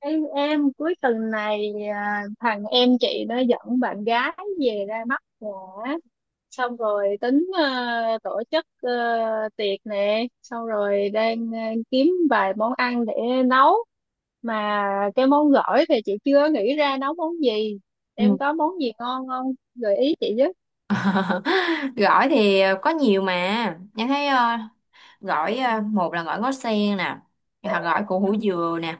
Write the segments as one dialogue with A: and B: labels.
A: Ê, em cuối tuần này, à, thằng em chị nó dẫn bạn gái về ra mắt nhà á. Xong rồi tính tổ chức tiệc nè, xong rồi đang kiếm vài món ăn để nấu, mà cái món gỏi thì chị chưa nghĩ ra nấu món gì.
B: Ừ.
A: Em có món gì ngon không, gợi ý chị với.
B: Gỏi thì có nhiều mà Nhân thấy gỏi, một là gỏi ngó sen nè, hoặc gỏi củ
A: Ừ.
B: hủ dừa nè.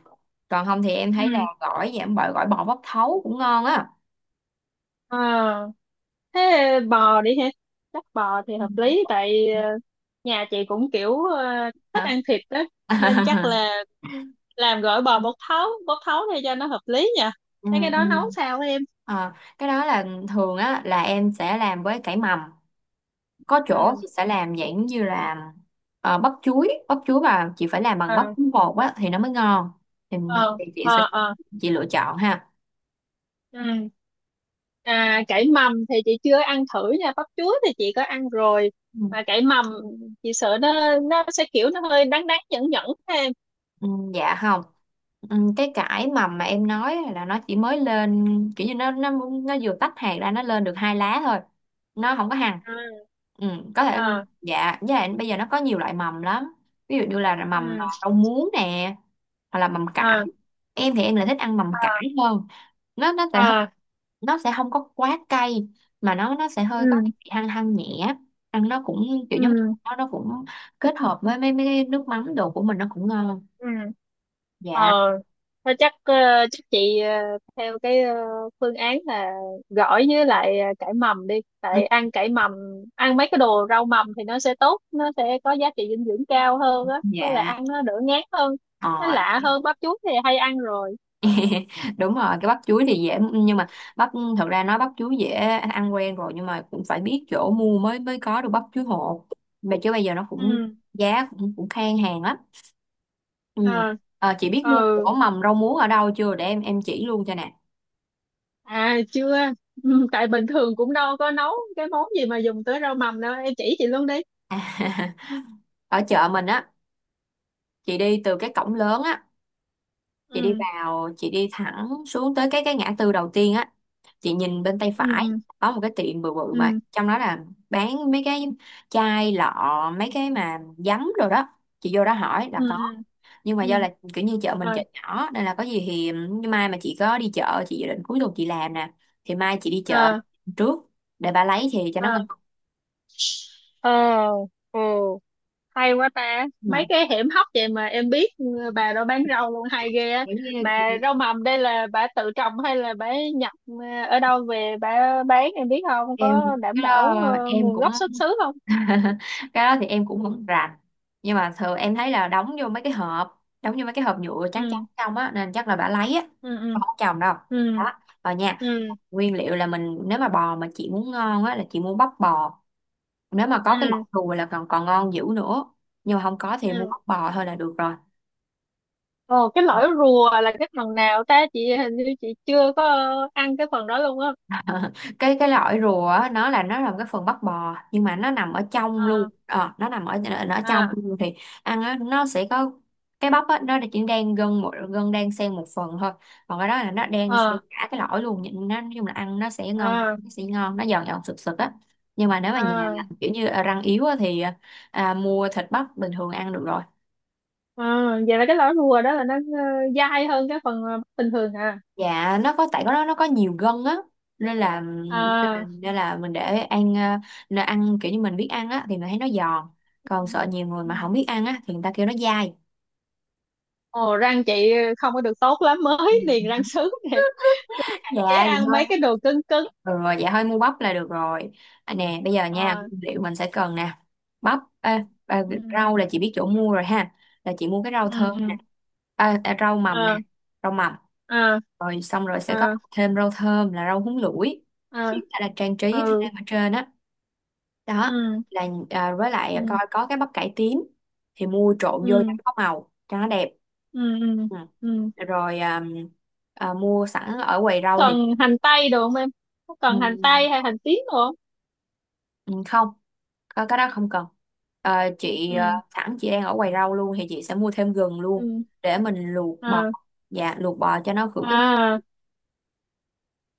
B: Còn không thì em thấy là
A: Ừ.
B: gỏi giảm bợ, gỏi bò bóc thấu cũng ngon á.
A: Ờ, thế bò đi ha, chắc bò thì
B: Ừ.
A: hợp lý, tại nhà chị cũng kiểu thích
B: Hả?
A: ăn thịt đó, nên chắc là làm gỏi bò bột thấu để cho nó hợp lý nha.
B: Ừ.
A: Thế cái
B: Ừ.
A: đó nấu sao em?
B: Ờ, cái đó là thường á, là em sẽ làm với cải mầm. Có chỗ
A: Ừ.
B: thì sẽ làm dạng như là bắp chuối. Bắp chuối mà chị phải làm bằng bắp
A: Ờ.
B: bột á thì nó mới ngon. thì,
A: Ờ.
B: thì chị
A: Ờ.
B: sẽ,
A: Ờ.
B: chị lựa chọn ha.
A: Ừ. À, cải mầm thì chị chưa ăn thử nha, bắp chuối thì chị có ăn rồi, mà cải mầm chị sợ nó sẽ kiểu nó hơi đắng đắng nhẫn nhẫn thêm.
B: Ừ, dạ không. Ừ, cái cải mầm mà em nói là nó chỉ mới lên, kiểu như nó nó vừa tách hạt ra, nó lên được hai lá thôi, nó không có hằn.
A: À.
B: Ừ, có thể.
A: Ờ.
B: Dạ với lại bây giờ nó có nhiều loại mầm lắm, ví dụ như là mầm
A: Ừ.
B: rau muống nè, hoặc là mầm cải.
A: Ờ.
B: Em thì em lại thích ăn mầm cải hơn. Nó sẽ hơi-
A: Ờ.
B: nó sẽ không có quá cay, mà nó sẽ hơi có
A: Ừ.
B: cái vị hăng hăng nhẹ. Ăn nó cũng kiểu giống như
A: Ừ.
B: nó cũng kết hợp với mấy mấy cái nước mắm đồ của mình, nó cũng ngon.
A: Ừ. Ờ.
B: Dạ.
A: Thôi chắc chị, theo cái, phương án là gỏi với lại cải mầm đi.
B: Ừ,
A: Tại ăn cải mầm, ăn mấy cái đồ rau mầm thì nó sẽ tốt, nó sẽ có giá trị dinh dưỡng cao hơn á, với lại
B: dạ
A: ăn nó đỡ ngán hơn, nó
B: ờ.
A: lạ hơn, bắp chuối thì hay ăn rồi.
B: Đúng rồi, cái bắp chuối thì dễ, nhưng mà bắp, thật ra nói bắp chuối dễ ăn quen rồi, nhưng mà cũng phải biết chỗ mua mới mới có được bắp chuối hột. Mà chứ bây giờ nó cũng
A: Ừ
B: giá cũng, cũng khan hàng lắm. Ừ.
A: ờ
B: Ờ, chị biết mua
A: ừ.
B: chỗ mầm rau muống ở đâu chưa để em chỉ luôn cho nè.
A: À, chưa. Ừ, tại bình thường cũng đâu có nấu cái món gì mà dùng tới rau mầm đâu, em chỉ chị luôn đi.
B: Ở chợ mình á, chị đi từ cái cổng lớn á, chị đi
A: Ừ.
B: vào, chị đi thẳng xuống tới cái ngã tư đầu tiên á, chị nhìn bên tay phải
A: Ừ.
B: có một cái tiệm bự bự mà
A: Ừ.
B: trong đó là bán mấy cái chai lọ, mấy cái mà giấm rồi đó. Chị vô đó hỏi là
A: Ừ.
B: có.
A: Ừ.
B: Nhưng mà
A: Ừ.
B: do
A: Ừ.
B: là kiểu như chợ mình
A: Rồi.
B: chợ nhỏ, nên là có gì thì, nhưng mai mà chị có đi chợ, chị dự định cuối tuần chị làm nè, thì mai chị đi chợ
A: Ờ.
B: trước để bà lấy thì cho nó ngon.
A: Ờ. Ờ. Ừ. Hay quá ta, mấy
B: Ừ.
A: cái hiểm hóc vậy mà em biết, ừ, bà đó bán rau luôn hay ghê á.
B: Kiểu như,
A: Mà rau mầm đây là bà tự trồng hay là bà nhập, ở đâu về bà bán, em biết không,
B: em
A: có đảm
B: cái
A: bảo
B: đó em
A: nguồn
B: cũng
A: gốc xuất xứ không?
B: cái đó thì em cũng không rành. Nhưng mà thường em thấy là đóng vô mấy cái hộp, đóng vô mấy cái hộp nhựa trắng trắng
A: Ừ.
B: trong á, nên chắc là bà lấy á,
A: Ừ. Ừ.
B: không có chồng đâu.
A: Ừ.
B: Đó rồi nha.
A: Ừ.
B: Nguyên liệu là mình, nếu mà bò mà chị muốn ngon á là chị mua bắp bò. Nếu mà có cái
A: Ừ.
B: lọc đùi là còn còn ngon dữ nữa, nhưng mà không có thì mua
A: Ừ.
B: bắp bò thôi là được rồi.
A: Ồ, cái lõi rùa là cái phần nào ta, chị hình như chị chưa có ăn cái phần đó luôn á.
B: Cái lõi rùa á, nó là một cái phần bắp bò, nhưng mà nó nằm ở trong
A: À.
B: luôn. Ờ, nó nằm ở, nó ở trong
A: À.
B: luôn thì ăn á, nó sẽ có cái bắp á, nó chỉ đang gân, một gân đang xen một phần thôi. Còn cái đó là nó đang xen
A: À.
B: cả cái lõi luôn, nhìn nó nói chung là ăn nó sẽ ngon
A: À.
B: nó sẽ ngon nó giòn giòn sực sực á. Nhưng mà nếu mà nhà là
A: À.
B: kiểu như răng yếu á, thì à, mua thịt bắp bình thường ăn được rồi.
A: À, vậy là cái lõi rùa đó là nó dai hơn cái phần bình thường à?
B: Dạ nó có, tại nó có nhiều gân á, nên là
A: À.
B: nên là mình để ăn, nó ăn kiểu như mình biết ăn á thì mình thấy nó giòn. Còn sợ nhiều người
A: Ừ.
B: mà không biết ăn á thì người ta kêu nó dai.
A: Ồ, răng chị không có được tốt lắm,
B: Ừ.
A: mới niềng răng sứ nè, hạn
B: Dạ
A: chế
B: vậy
A: ăn
B: thôi.
A: mấy cái đồ cứng cứng.
B: Ừ, rồi dạ thôi mua bắp là được rồi. À, nè bây giờ nha,
A: À.
B: nguyên liệu mình sẽ cần nè: bắp, ê, à,
A: Ừ.
B: rau là chị biết chỗ mua rồi ha, là chị mua cái rau
A: Ừ.
B: thơm nè,
A: Ừ.
B: à, à, rau mầm nè,
A: À.
B: rau mầm.
A: À.
B: Rồi xong rồi sẽ có
A: À.
B: thêm rau thơm là rau húng lủi,
A: À.
B: chỉ là trang trí
A: Ừ.
B: thêm ở trên á. Đó.
A: Ừ.
B: Là à, với lại coi
A: Ừ.
B: có cái bắp cải tím thì mua trộn vô cho
A: Ừ.
B: nó có màu, cho nó đẹp.
A: Ừ. Ừ.
B: Ừ.
A: Ừ.
B: Rồi à, à, mua sẵn ở quầy
A: Có
B: rau thì.
A: cần hành tây được không em? Có
B: Ừ,
A: cần hành tây hay hành tím được không?
B: ừ, không, có cái đó không cần. Ờ, chị
A: Ừ.
B: sẵn chị đang ở quầy rau luôn thì chị sẽ mua thêm gừng luôn,
A: Ừ.
B: để mình luộc bò.
A: À.
B: Dạ luộc bò cho nó khử cái.
A: À.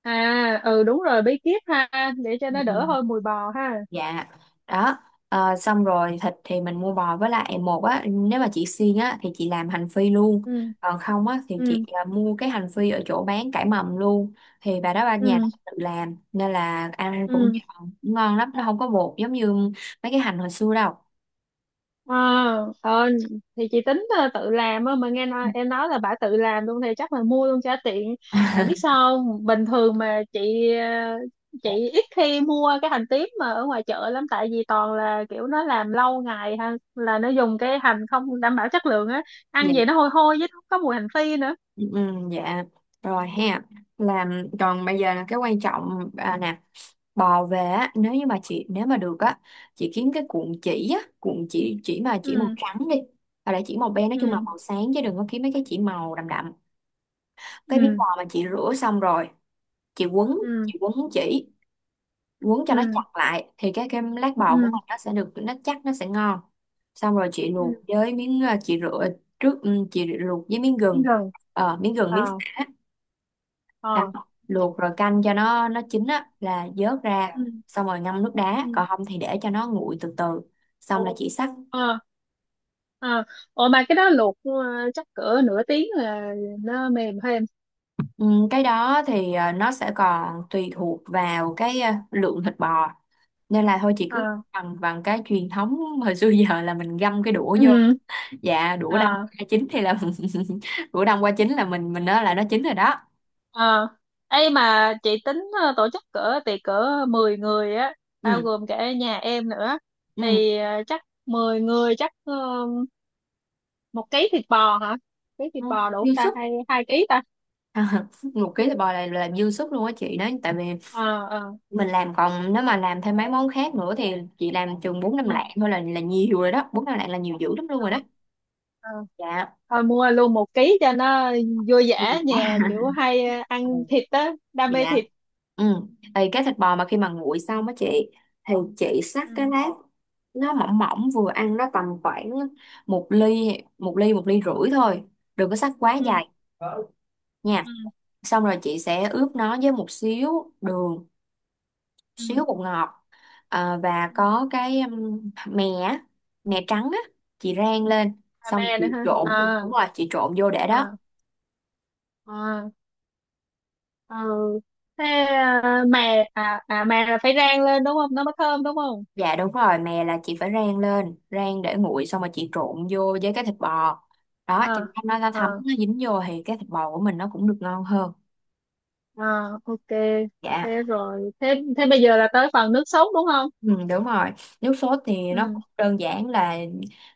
A: À. Ừ, đúng rồi, bí kíp ha, để cho nó
B: Ừ.
A: đỡ hơi mùi bò ha.
B: Dạ. Đó. Ờ, xong rồi thịt thì mình mua bò với lại một á, nếu mà chị xiên á thì chị làm hành phi luôn.
A: Ừ.
B: Còn không á thì chị
A: Ừ.
B: à, mua cái hành phi ở chỗ bán cải mầm luôn. Thì bà đó ba nhà
A: Ừ.
B: nó tự làm nên là ăn cũng
A: Ừ.
B: ngon ngon lắm, nó không có bột giống như mấy cái hành hồi xưa đâu.
A: Ờ. Ờ, thì chị tính tự làm á, mà nghe nói em nói là bà tự làm luôn thì chắc là mua luôn cho tiện. Tại biết sao không? Bình thường mà ờ, chị ít khi mua cái hành tím mà ở ngoài chợ lắm, tại vì toàn là kiểu nó làm lâu ngày ha, là nó dùng cái hành không đảm bảo chất lượng á, ăn
B: Dạ.
A: vậy nó hôi hôi, với nó có mùi hành phi nữa.
B: Ừ, dạ rồi ha. Làm còn bây giờ là cái quan trọng à, nè. Bò về á, nếu như mà chị, nếu mà được á, chị kiếm cái cuộn chỉ á, cuộn chỉ mà chỉ màu
A: Ừ.
B: trắng đi, hoặc là chỉ màu be, nói chung là
A: Ừ.
B: màu sáng, chứ đừng có kiếm mấy cái chỉ màu đậm đậm. Cái miếng
A: Ừ.
B: bò mà chị rửa xong rồi, chị quấn
A: Ừ.
B: chị quấn chỉ, quấn cho nó chặt
A: Ừ.
B: lại thì cái lát bò của
A: Ừ.
B: mình nó sẽ được, nó chắc, nó sẽ ngon. Xong rồi chị
A: Ừ.
B: luộc với miếng chị rửa trước, ừ, chị luộc với miếng gừng,
A: Gần.
B: ờ, miếng gừng, miếng
A: Ờ.
B: sả, đá.
A: Ờ.
B: Luộc rồi canh cho nó chín á là vớt ra,
A: Ừ.
B: xong rồi ngâm nước
A: Ừ.
B: đá, còn không thì để cho nó nguội từ từ, xong là chỉ xắt.
A: Ờ. Ờ. Ủa, mà cái đó luộc chắc cỡ nửa tiếng là nó mềm thêm?
B: Ừ, cái đó thì nó sẽ còn tùy thuộc vào cái lượng thịt bò, nên là thôi chị cứ
A: Ờ.
B: bằng bằng cái truyền thống hồi xưa giờ là mình găm cái đũa vô.
A: Ừ.
B: Dạ đũa đông
A: Ờ.
B: qua chín thì là đũa đông qua chín là mình nói là nó chín rồi đó.
A: Ờ. Ấy, mà chị tính tổ chức cỡ tiệc cỡ 10 người á, bao
B: Ừ.
A: gồm cả nhà em nữa,
B: Ừ,
A: thì chắc 10 người chắc 1 ký thịt bò hả? Ký thịt
B: ừ.
A: bò đủ không
B: Dư
A: ta,
B: sức.
A: hay 2 ký ta?
B: 1 ký thịt bò là dư sức luôn á chị, nói tại vì
A: Ờ. Ờ.
B: mình làm. Còn nếu mà làm thêm mấy món khác nữa thì chị làm chừng bốn năm
A: Ừ.
B: lạng thôi là nhiều rồi đó, bốn năm lạng là nhiều dữ lắm luôn rồi đó.
A: Ờ. Ờ,
B: Dạ.
A: thôi mua luôn 1 ký cho nó vui
B: Ừ.
A: vẻ, nhà kiểu hay
B: Ừ,
A: ăn thịt á, đam mê
B: dạ
A: thịt.
B: ừ. Thì cái thịt bò mà khi mà nguội xong á chị, thì chị xắt cái
A: Ừ.
B: lát, nó mỏng mỏng vừa ăn, nó tầm khoảng một ly, một ly rưỡi thôi, đừng có xắt quá
A: Ừ.
B: dài nha.
A: Ừ.
B: Xong rồi chị sẽ ướp nó với một xíu đường,
A: Ừ.
B: xíu bột ngọt. Ờ, và
A: Ừ.
B: có cái mè á, mè trắng á, chị rang lên,
A: Đam
B: xong
A: mê
B: chị
A: nữa ha.
B: trộn.
A: Ờ.
B: Đúng rồi, chị trộn vô để đó.
A: Ờ. Ờ. Ừ. Thế mè à à mè là phải rang lên đúng không, nó mới thơm đúng không?
B: Dạ đúng rồi, mè là chị phải rang lên, rang để nguội xong rồi chị trộn vô với cái thịt bò đó, cho
A: Ờ.
B: nó thấm,
A: Ờ.
B: nó dính vô thì cái thịt bò của mình nó cũng được ngon hơn.
A: Ờ. OK.
B: Dạ.
A: Thế rồi, thế thế bây giờ là tới phần nước sốt đúng không?
B: Ừ, đúng rồi. Nước sốt thì nó
A: Ừ.
B: cũng đơn giản là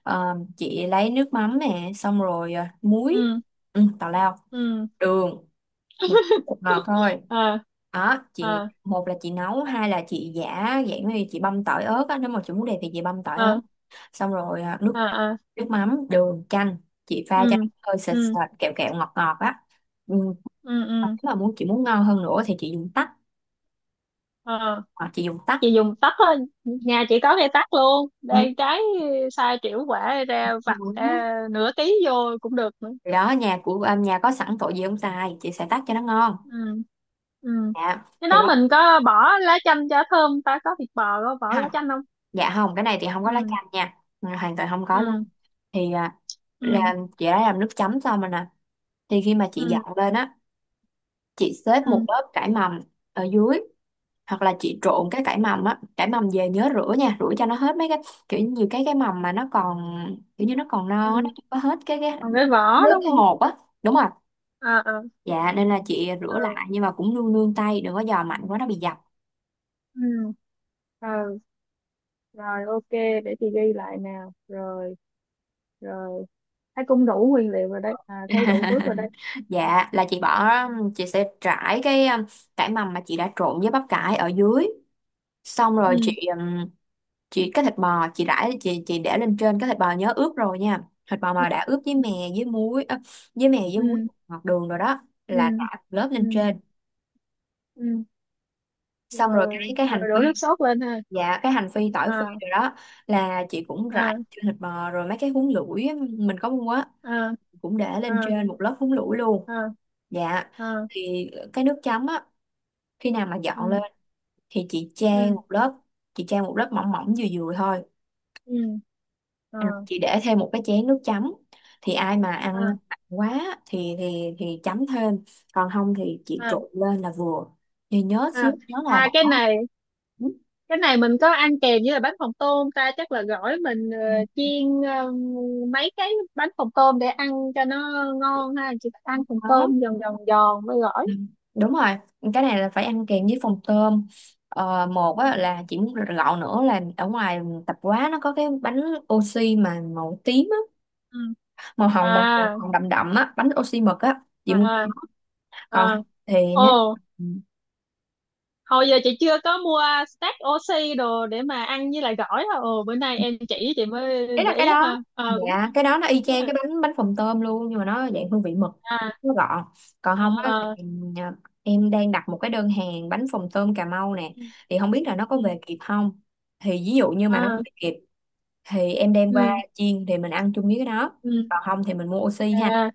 B: chị lấy nước mắm nè, xong rồi muối,
A: Ừ.
B: ừ, tào lao,
A: Ừ.
B: đường, một một ngọt thôi.
A: Ờ.
B: Đó, chị
A: Ờ.
B: một là chị nấu, hai là chị giả dạng như chị băm tỏi ớt á, nếu mà chị muốn đẹp thì chị băm tỏi ớt.
A: Ờ.
B: Xong rồi à, nước
A: Ờ. Ờ.
B: nước mắm, đường, chanh, chị pha cho nó
A: Ừ.
B: hơi
A: Ừ.
B: sệt sệt kẹo kẹo ngọt ngọt á. Ừ.
A: Ừ.
B: Còn
A: Ừ.
B: nếu mà muốn, chị muốn ngon hơn nữa thì chị dùng tắc,
A: Ờ,
B: hoặc chị dùng tắc.
A: chị dùng tắt thôi, nhà chị có cây tắt luôn đây,
B: Ừ.
A: trái sai triệu quả, ra vặt
B: Ngon á.
A: ra nửa ký vô cũng được nữa.
B: Thì đó, nhà của à, nhà có sẵn tội gì không xài, chị sẽ tắc cho nó ngon.
A: Ừ. Ừ.
B: Dạ
A: Cái đó
B: thì đó.
A: mình có bỏ lá chanh cho thơm ta, có thịt bò có bỏ lá
B: Không,
A: chanh không?
B: dạ không, cái này thì không có lá
A: Ừ.
B: chanh nha. Ừ, hoàn toàn không có luôn.
A: Ừ.
B: Thì à,
A: Ừ.
B: làm, chị đã làm nước chấm xong rồi nè. Thì khi mà chị
A: Ừ.
B: dọn lên á, chị xếp một
A: Ừ.
B: lớp cải mầm ở dưới, hoặc là chị trộn cái cải mầm á. Cải mầm về nhớ rửa nha, rửa cho nó hết mấy cái, kiểu như nhiều cái mầm mà nó còn, kiểu như nó còn non á, nó
A: Ừ.
B: chưa có hết cái
A: Còn cái vỏ
B: nước,
A: đúng
B: cái
A: không?
B: hột á. Đúng rồi.
A: Ờ. Ờ.
B: Dạ nên là chị
A: Ờ.
B: rửa lại, nhưng mà cũng nương nương tay, đừng có giò mạnh quá nó bị dập.
A: Ừ. Ờ. Rồi, OK, để chị ghi lại nào. Rồi, rồi, thấy cũng đủ nguyên liệu rồi đấy, à, thấy đủ bước rồi đấy.
B: Dạ là chị bỏ, chị sẽ trải cái cải mầm mà chị đã trộn với bắp cải ở dưới, xong rồi chị
A: Ừ.
B: ừm, chị, cái thịt bò chị rải, chị để lên trên. Cái thịt bò nhớ ướp rồi nha, thịt bò
A: Ừ.
B: mà đã ướp với
A: Ừ.
B: mè, với muối, ơ, với mè với muối,
A: Ừ.
B: ngọt đường rồi đó,
A: Ừ.
B: là rải một lớp
A: Ừ.
B: lên trên.
A: Ừ.
B: Xong rồi cái
A: Rồi,
B: cái
A: rồi
B: hành
A: đổ
B: phi.
A: nước sốt lên ha.
B: Dạ cái hành phi, tỏi phi
A: À.
B: rồi đó, là chị cũng rải
A: À.
B: trên thịt bò. Rồi mấy cái húng lủi á, mình có mua á,
A: À.
B: cũng để lên
A: À.
B: trên một lớp húng lủi luôn.
A: À.
B: Dạ.
A: À.
B: Thì cái nước chấm á, khi nào mà dọn lên
A: Ừ.
B: thì chị chan
A: Ừ.
B: một lớp chị chan một lớp mỏng mỏng vừa vừa thôi.
A: Ừ. À.
B: Ừ, chị để thêm một cái chén nước chấm, thì ai mà ăn
A: À.
B: mặn quá thì thì chấm thêm, còn không thì chị
A: À.
B: trộn lên là vừa. Thì nhớ xíu,
A: À.
B: nhớ là
A: À,
B: bỏ
A: cái này
B: nước.
A: cái này mình có ăn kèm với là bánh phồng tôm ta, chắc là gỏi mình chiên mấy cái bánh phồng tôm để ăn cho nó ngon ha, chị ăn phồng
B: Đó.
A: tôm giòn giòn giòn với gỏi.
B: Ừ. Đúng rồi, cái này là phải ăn kèm với phần tôm. Ờ, một á, là chị muốn gọn nữa là ở ngoài tạp hóa nó có cái bánh oxy mà màu tím á,
A: Ừ.
B: màu hồng
A: À.
B: màu, màu hồng đậm đậm á, bánh oxy mực á chị muốn.
A: À.
B: Còn
A: À.
B: thì nếu,
A: Ồ, hồi giờ chị chưa có mua stack oxy đồ để mà ăn với lại gỏi hả? Ồ, bữa nay em chỉ chị mới
B: đấy là
A: để
B: cái
A: ý
B: đó.
A: ha, ờ, cũng
B: Dạ, cái đó nó y
A: hay
B: chang
A: ha.
B: cái bánh bánh phồng tôm luôn, nhưng mà nó dạng hương vị mực,
A: À.
B: nó gọn. Còn không á
A: Ờ.
B: em đang đặt một cái đơn hàng bánh phồng tôm Cà Mau nè,
A: Ừ.
B: thì không biết là nó có
A: Ừ.
B: về kịp không. Thì ví dụ như mà nó
A: À.
B: về kịp thì em đem qua
A: Ừ.
B: chiên, thì mình ăn chung với cái đó.
A: Ừ. Ừ.
B: Còn không thì mình mua oxy ha.
A: À.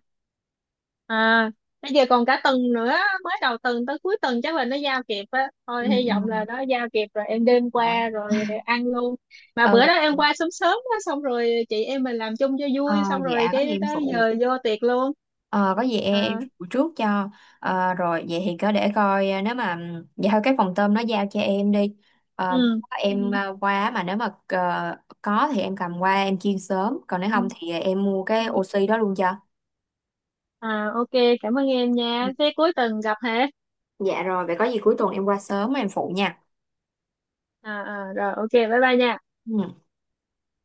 A: À. Bây giờ còn cả tuần nữa, mới đầu tuần tới cuối tuần chắc là nó giao kịp á,
B: Ừ,
A: thôi hy
B: ừ.
A: vọng là nó giao kịp rồi em đem qua
B: Dạ.
A: rồi ăn luôn. Mà
B: Ờ,
A: bữa đó em qua sớm sớm á, xong rồi chị em mình làm chung cho
B: ờ,
A: vui, xong rồi
B: dạ có gì
A: cái
B: em
A: tới
B: phụ.
A: giờ vô tiệc luôn.
B: Ờ, có gì em
A: À.
B: phụ trước cho. Ờ, rồi vậy thì cứ để coi, nếu mà vậy thôi, cái phòng tôm nó giao cho em đi. Ờ,
A: Ừ. Ừ.
B: em qua, mà nếu mà có thì em cầm qua em chiên sớm, còn nếu không
A: Ừ.
B: thì em mua cái oxy đó luôn cho.
A: À, OK, cảm ơn em
B: Ừ.
A: nha, thế cuối tuần gặp hả?
B: Dạ rồi vậy có gì cuối tuần em qua sớm em phụ nha.
A: À, à rồi, OK, bye bye nha.
B: Ừ.